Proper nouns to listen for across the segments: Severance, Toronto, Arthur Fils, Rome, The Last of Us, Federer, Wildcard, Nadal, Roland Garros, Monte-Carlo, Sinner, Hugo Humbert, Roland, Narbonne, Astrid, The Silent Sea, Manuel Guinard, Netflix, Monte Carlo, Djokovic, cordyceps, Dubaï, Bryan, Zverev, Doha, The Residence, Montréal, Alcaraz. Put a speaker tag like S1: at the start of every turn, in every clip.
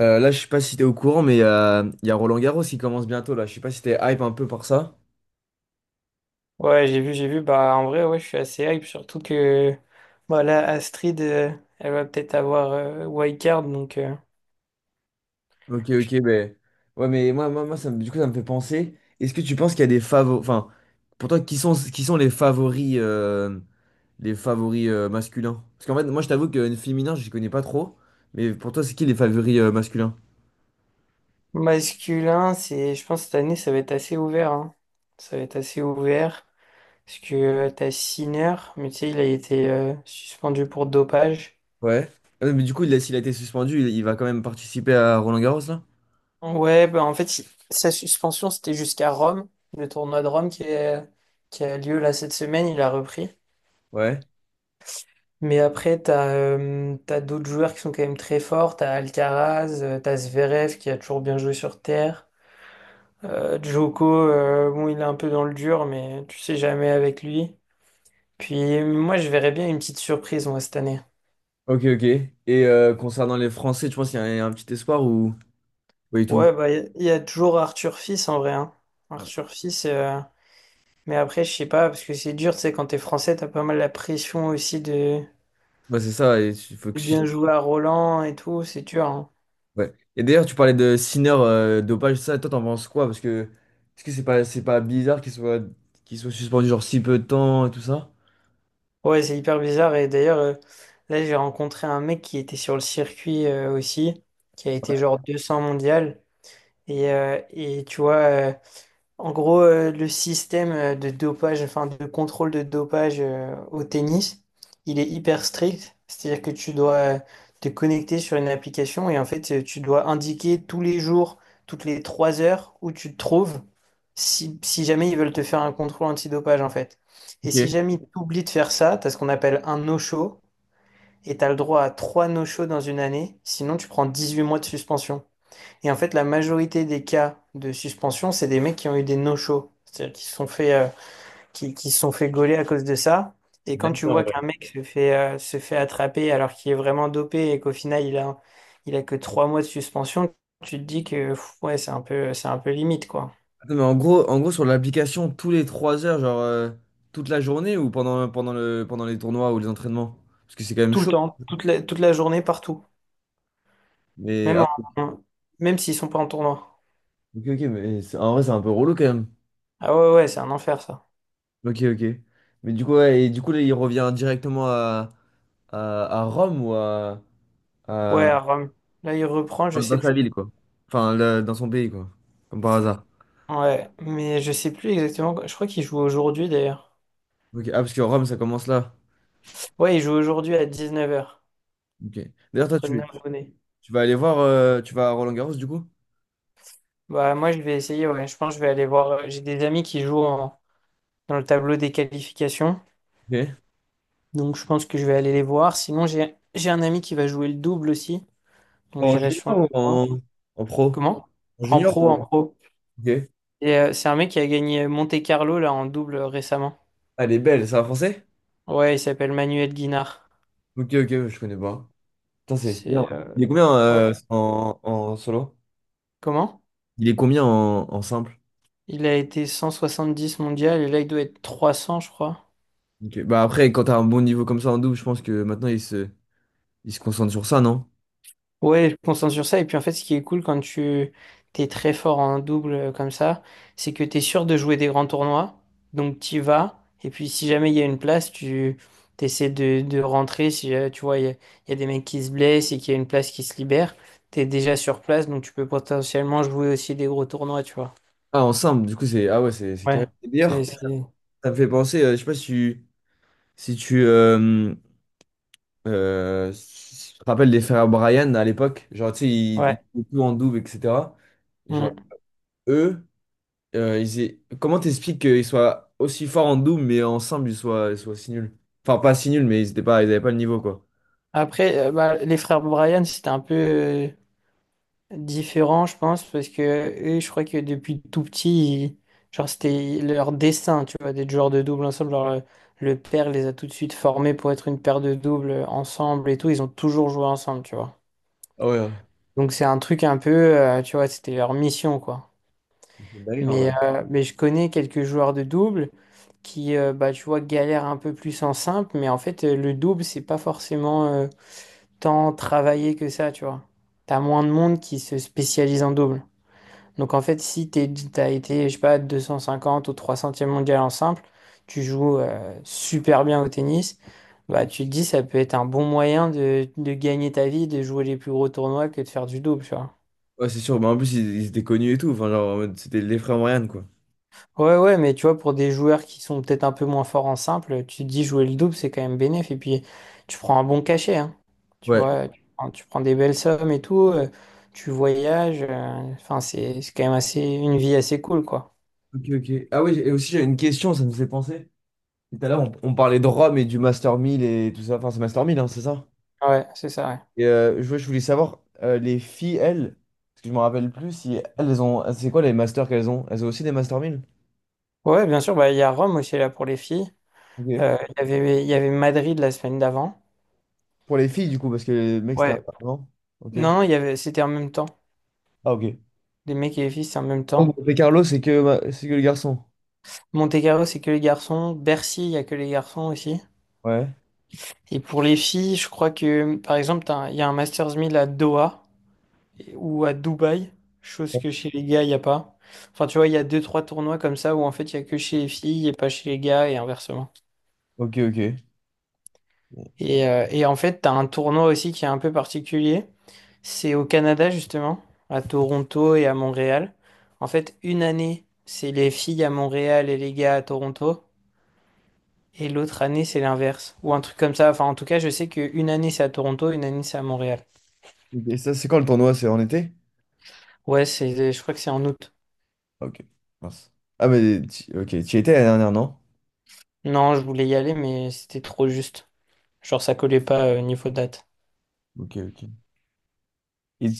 S1: Là, je sais pas si t'es au courant, mais il y a Roland Garros qui commence bientôt là. Je sais pas si t'es hype un peu par ça.
S2: Ouais, j'ai vu, j'ai vu. Bah, en vrai, ouais, je suis assez hype, surtout que bah, là, Astrid, elle va peut-être avoir Wildcard, donc
S1: Ok, ok, ben ouais, mais moi, du coup, ça me fait penser. Est-ce que tu penses qu'il y a des favoris, enfin, pour toi, qui sont les favoris masculins? Parce qu'en fait, moi, je t'avoue que féminin, je connais pas trop. Mais pour toi, c'est qui les favoris masculins?
S2: masculin, c'est, je pense que cette année, ça va être assez ouvert, hein. Ça va être assez ouvert, parce que t'as Sinner, mais tu sais, il a été suspendu pour dopage.
S1: Ouais. Mais du coup, s'il a été suspendu, il va quand même participer à Roland Garros là?
S2: Ouais, bah, en fait, sa suspension, c'était jusqu'à Rome, le tournoi de Rome qui a lieu là cette semaine, il a repris.
S1: Ouais.
S2: Mais après, t'as d'autres joueurs qui sont quand même très forts. T'as Alcaraz, t'as Zverev qui a toujours bien joué sur terre. Djoko, bon, il est un peu dans le dur, mais tu sais jamais avec lui. Puis moi, je verrais bien une petite surprise moi cette année.
S1: Ok, ok. Et concernant les Français, tu penses qu'il y a un petit espoir ou pas du tout?
S2: Ouais, bah il y a toujours Arthur Fils en vrai, hein. Arthur Fils, mais après, je sais pas parce que c'est dur. Tu sais, quand t'es français, t'as pas mal la pression aussi de,
S1: Bah, c'est ça, et il faut que
S2: de
S1: tu-
S2: bien jouer à Roland et tout. C'est dur, hein.
S1: ouais. Et d'ailleurs, tu parlais de Sinner, dopage, ça, toi, t'en penses quoi? Parce que, est-ce que c'est pas bizarre qu'il soit suspendu, genre, si peu de temps et tout ça?
S2: Ouais, c'est hyper bizarre. Et d'ailleurs, là, j'ai rencontré un mec qui était sur le circuit aussi, qui a été genre 200 mondial. Et tu vois, en gros, le système de dopage, enfin de contrôle de dopage au tennis, il est hyper strict. C'est-à-dire que tu dois te connecter sur une application et en fait, tu dois indiquer tous les jours, toutes les 3 heures où tu te trouves, si jamais ils veulent te faire un contrôle antidopage en fait. Et si
S1: Ok.
S2: jamais tu oublies de faire ça, tu as ce qu'on appelle un no-show et tu as le droit à trois no-shows dans une année. Sinon, tu prends 18 mois de suspension. Et en fait, la majorité des cas de suspension, c'est des mecs qui ont eu des no-shows. C'est-à-dire qui se sont fait, qui se sont fait gauler à cause de ça. Et quand tu vois qu'un mec se fait attraper alors qu'il est vraiment dopé et qu'au final, il a que 3 mois de suspension, tu te dis que ouais, c'est un peu limite, quoi.
S1: Non, mais en gros, sur l'application, tous les 3 heures, genre, toute la journée ou pendant pendant les tournois ou les entraînements? Parce que c'est quand même
S2: Tout le
S1: chaud.
S2: temps, toute la journée, partout.
S1: Mais,
S2: Même
S1: ah,
S2: en, même s'ils sont pas en tournoi.
S1: ok, ok, mais en vrai, c'est un peu relou quand même.
S2: Ah ouais, ouais, c'est un enfer, ça.
S1: Ok, ok. Mais du coup, ouais, et du coup, là, il revient directement à Rome ou à-
S2: Ouais, à Rome. Là, il reprend, je
S1: dans, dans
S2: sais
S1: sa
S2: plus.
S1: ville, quoi. Enfin, dans son pays, quoi. Comme par hasard.
S2: Ouais, mais je sais plus exactement. Je crois qu'il joue aujourd'hui, d'ailleurs.
S1: Ok. Ah, parce que Rome, ça commence là.
S2: Ouais, il joue aujourd'hui à 19 h
S1: Ok. D'ailleurs,
S2: contre Narbonne.
S1: tu vas aller voir, tu vas à Roland-Garros, du coup?
S2: Bah, moi, je vais essayer, ouais. Je pense que je vais aller voir. J'ai des amis qui jouent dans le tableau des qualifications.
S1: Ok.
S2: Donc, je pense que je vais aller les voir. Sinon, j'ai un ami qui va jouer le double aussi. Donc,
S1: En
S2: j'irai sûrement
S1: junior ou
S2: le voir.
S1: en pro?
S2: Comment?
S1: En
S2: En
S1: junior ou
S2: pro, en
S1: en...
S2: pro.
S1: Ok.
S2: Et c'est un mec qui a gagné Monte-Carlo là en double récemment.
S1: Ah, elle est belle, c'est un français?
S2: Ouais, il s'appelle Manuel Guinard.
S1: Ok, ok, je connais pas. Putain, c'est bien.
S2: C'est.
S1: Il est combien
S2: Ouais.
S1: en, en solo?
S2: Comment?
S1: Il est combien en simple?
S2: Il a été 170 mondial et là, il doit être 300, je crois.
S1: Ok. Bah après, quand t'as un bon niveau comme ça en double, je pense que maintenant, il se concentre sur ça, non?
S2: Ouais, je me concentre sur ça. Et puis en fait, ce qui est cool quand tu t'es très fort en double comme ça, c'est que t'es sûr de jouer des grands tournois. Donc t'y vas. Et puis si jamais il y a une place, tu t'essaies de rentrer. Si tu vois, il y a des mecs qui se blessent et qu'il y a une place qui se libère, t'es déjà sur place. Donc tu peux potentiellement jouer aussi des gros tournois, tu vois.
S1: Ah, en simple, du coup, c'est... Ah ouais, c'est carré.
S2: Ouais.
S1: Et d'ailleurs,
S2: C'est, c'est...
S1: ça me fait penser, je sais pas si tu... Si tu, euh, Si tu te rappelles des frères Bryan à l'époque, genre, tu sais, ils
S2: Ouais.
S1: faisaient tout en double, etc. Et genre,
S2: Mm.
S1: eux, comment t'expliques qu'ils soient aussi forts en double, mais ensemble, ils soient si nuls? Enfin, pas si nuls, mais ils étaient pas, ils avaient pas le niveau, quoi.
S2: Après, bah, les frères Bryan, c'était un peu, différent, je pense, parce que eux, je crois que depuis tout petit, genre, c'était leur destin, tu vois, d'être joueurs de double ensemble. Genre, le père les a tout de suite formés pour être une paire de doubles ensemble et tout. Ils ont toujours joué ensemble, tu vois.
S1: Ah ouais, ouais.
S2: Donc, c'est un truc un peu, tu vois, c'était leur mission, quoi.
S1: C'est une dinguerie, en
S2: Mais,
S1: vrai.
S2: euh, mais je connais quelques joueurs de double qui, bah, tu vois, galèrent un peu plus en simple, mais en fait, le double, c'est pas forcément tant travaillé que ça, tu vois. T'as moins de monde qui se spécialise en double. Donc en fait, si t'es, t'as été, je sais pas, 250 ou 300e mondial en simple, tu joues super bien au tennis, bah tu te dis ça peut être un bon moyen de gagner ta vie, de jouer les plus gros tournois que de faire du double, tu vois.
S1: Ouais, c'est sûr. Bah, en plus, ils étaient connus et tout. Enfin, genre, en mode, c'était les frères Marianne, quoi.
S2: Ouais, ouais, mais tu vois, pour des joueurs qui sont peut-être un peu moins forts en simple, tu te dis jouer le double, c'est quand même bénéf, et puis tu prends un bon cachet, hein. Tu
S1: Ouais.
S2: vois, tu prends des belles sommes et tout, tu voyages, enfin c'est quand même assez une vie assez cool, quoi.
S1: Ok, ok. Ah oui, et aussi, j'ai une question, ça me fait penser. Tout à l'heure, on parlait de Rome et du Master 1000 et tout ça. Enfin, c'est Master 1000, hein, c'est ça?
S2: Ouais, c'est ça, ouais.
S1: Et ouais, je voulais savoir, les filles, elles, parce que je me rappelle plus, si elles ont. C'est quoi les masters qu'elles ont? Elles ont aussi des Master 1000?
S2: Ouais, bien sûr, bah, il y a Rome aussi là pour les filles. Euh,
S1: Ok.
S2: Il y avait, il y avait Madrid la semaine d'avant.
S1: Pour les filles, du coup, parce que les mecs, c'était un.
S2: Ouais.
S1: Non? Ok.
S2: Non, non, c'était en même temps.
S1: Ah, ok.
S2: Les mecs et les filles, c'est en même
S1: Oh,
S2: temps.
S1: Monte Carlo, c'est que, c'est que le garçon.
S2: Monte-Carlo, c'est que les garçons. Bercy, il y a que les garçons aussi.
S1: Ouais.
S2: Et pour les filles, je crois que, par exemple, il y a un Masters 1000 à Doha ou à Dubaï, chose que chez les gars, il n'y a pas. Enfin, tu vois, il y a deux, trois tournois comme ça où en fait, il y a que chez les filles et pas chez les gars et inversement.
S1: Ok, ok.
S2: Et en fait, t'as un tournoi aussi qui est un peu particulier. C'est au Canada, justement, à Toronto et à Montréal. En fait, une année, c'est les filles à Montréal et les gars à Toronto. Et l'autre année, c'est l'inverse. Ou un truc comme ça. Enfin, en tout cas, je sais qu'une année, c'est à Toronto, une année, c'est à Montréal.
S1: Et ça, c'est quand le tournoi? C'est en été?
S2: Ouais, c'est, je crois que c'est en août.
S1: Ok, mince. Ah, ok, tu y étais la dernière, non?
S2: Non, je voulais y aller, mais c'était trop juste. Genre, ça collait pas au niveau date.
S1: Ok, ok. Et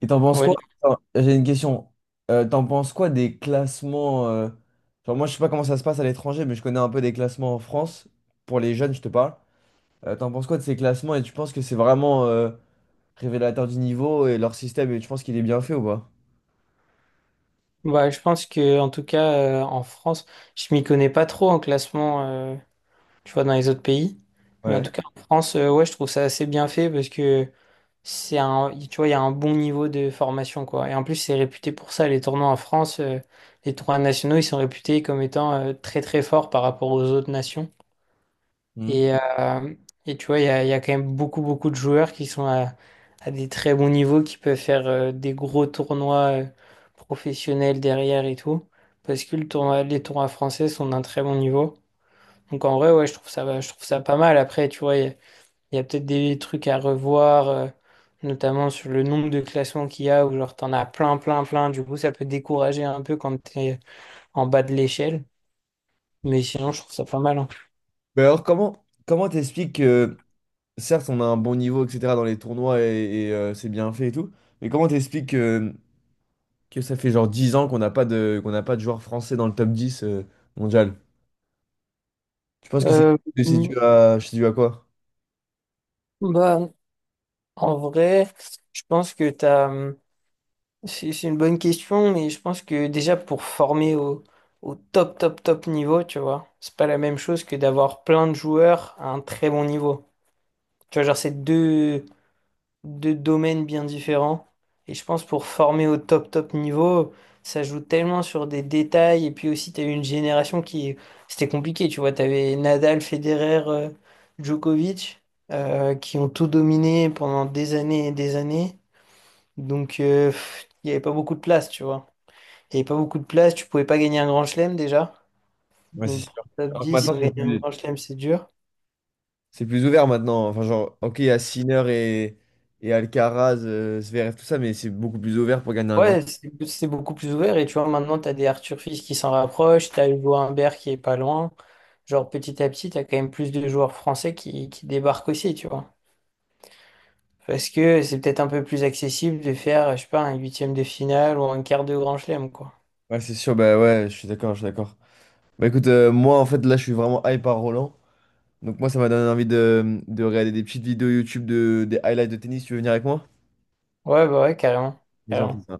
S1: t'en penses quoi?
S2: Ouais,
S1: Attends, j'ai une question. T'en penses quoi des classements genre, moi, je sais pas comment ça se passe à l'étranger, mais je connais un peu des classements en France. Pour les jeunes, je te parle. T'en penses quoi de ces classements et tu penses que c'est vraiment révélateur du niveau et leur système et tu penses qu'il est bien fait ou pas?
S2: bah, je pense que, en tout cas, en France, je m'y connais pas trop en classement. euh, tu vois, dans les autres pays. Mais en
S1: Ouais.
S2: tout cas, en France, ouais, je trouve ça assez bien fait parce que c'est un, tu vois, il y a un bon niveau de formation, quoi. Et en plus, c'est réputé pour ça. Les tournois en France, les tournois nationaux, ils sont réputés comme étant très, très forts par rapport aux autres nations.
S1: Mhm.
S2: Et, euh, et tu vois, il y a quand même beaucoup, beaucoup de joueurs qui sont à des très bons niveaux, qui peuvent faire des gros tournois professionnels derrière et tout. Parce que les tournois français sont d'un très bon niveau. Donc en vrai, ouais, je trouve ça pas mal. Après, tu vois, il y a peut-être des trucs à revoir, notamment sur le nombre de classements qu'il y a, où genre t'en as plein, plein, plein. Du coup, ça peut décourager un peu quand t'es en bas de l'échelle. Mais sinon, je trouve ça pas mal, hein.
S1: Mais alors, comment t'expliques que, certes, on a un bon niveau, etc., dans les tournois c'est bien fait et tout, mais comment t'expliques que. Que ça fait genre 10 ans qu'on n'a pas de joueur français dans le top 10 mondial. Tu penses que
S2: Euh, mm,
S1: c'est dû à quoi?
S2: bah, en vrai, je pense que t'as, c'est une bonne question, mais je pense que déjà pour former au top, top, top niveau, tu vois, c'est pas la même chose que d'avoir plein de joueurs à un très bon niveau. Tu vois, genre, c'est deux domaines bien différents. Et je pense pour former au top top niveau, ça joue tellement sur des détails. Et puis aussi, tu as eu une génération C'était compliqué, tu vois. Tu avais Nadal, Federer, Djokovic, qui ont tout dominé pendant des années et des années. Donc, il n'y avait pas beaucoup de place, tu vois. Il n'y avait pas beaucoup de place, tu pouvais pas gagner un grand chelem déjà.
S1: Ouais, c'est
S2: Donc, pour
S1: sûr.
S2: le top
S1: Alors que
S2: 10
S1: maintenant,
S2: sans gagner un grand chelem, c'est dur.
S1: c'est plus ouvert maintenant. Enfin, genre, ok, il y a Sinner et Alcaraz, Zverev, tout ça, mais c'est beaucoup plus ouvert pour gagner un grand.
S2: Ouais, c'est beaucoup plus ouvert et tu vois, maintenant, t'as des Arthur Fils qui s'en rapprochent, t'as Hugo Humbert qui est pas loin. Genre, petit à petit, t'as quand même plus de joueurs français qui débarquent aussi, tu vois. Parce que c'est peut-être un peu plus accessible de faire, je sais pas, un huitième de finale ou un quart de grand chelem, quoi.
S1: Ouais, c'est sûr, bah ouais, je suis d'accord. Bah écoute, moi en fait là je suis vraiment hype par Roland. Donc moi ça m'a donné envie de regarder des petites vidéos YouTube de, des highlights de tennis. Tu veux venir avec moi?
S2: Ouais, bah ouais, carrément.
S1: Vas-y, on fait
S2: Carrément.
S1: ça.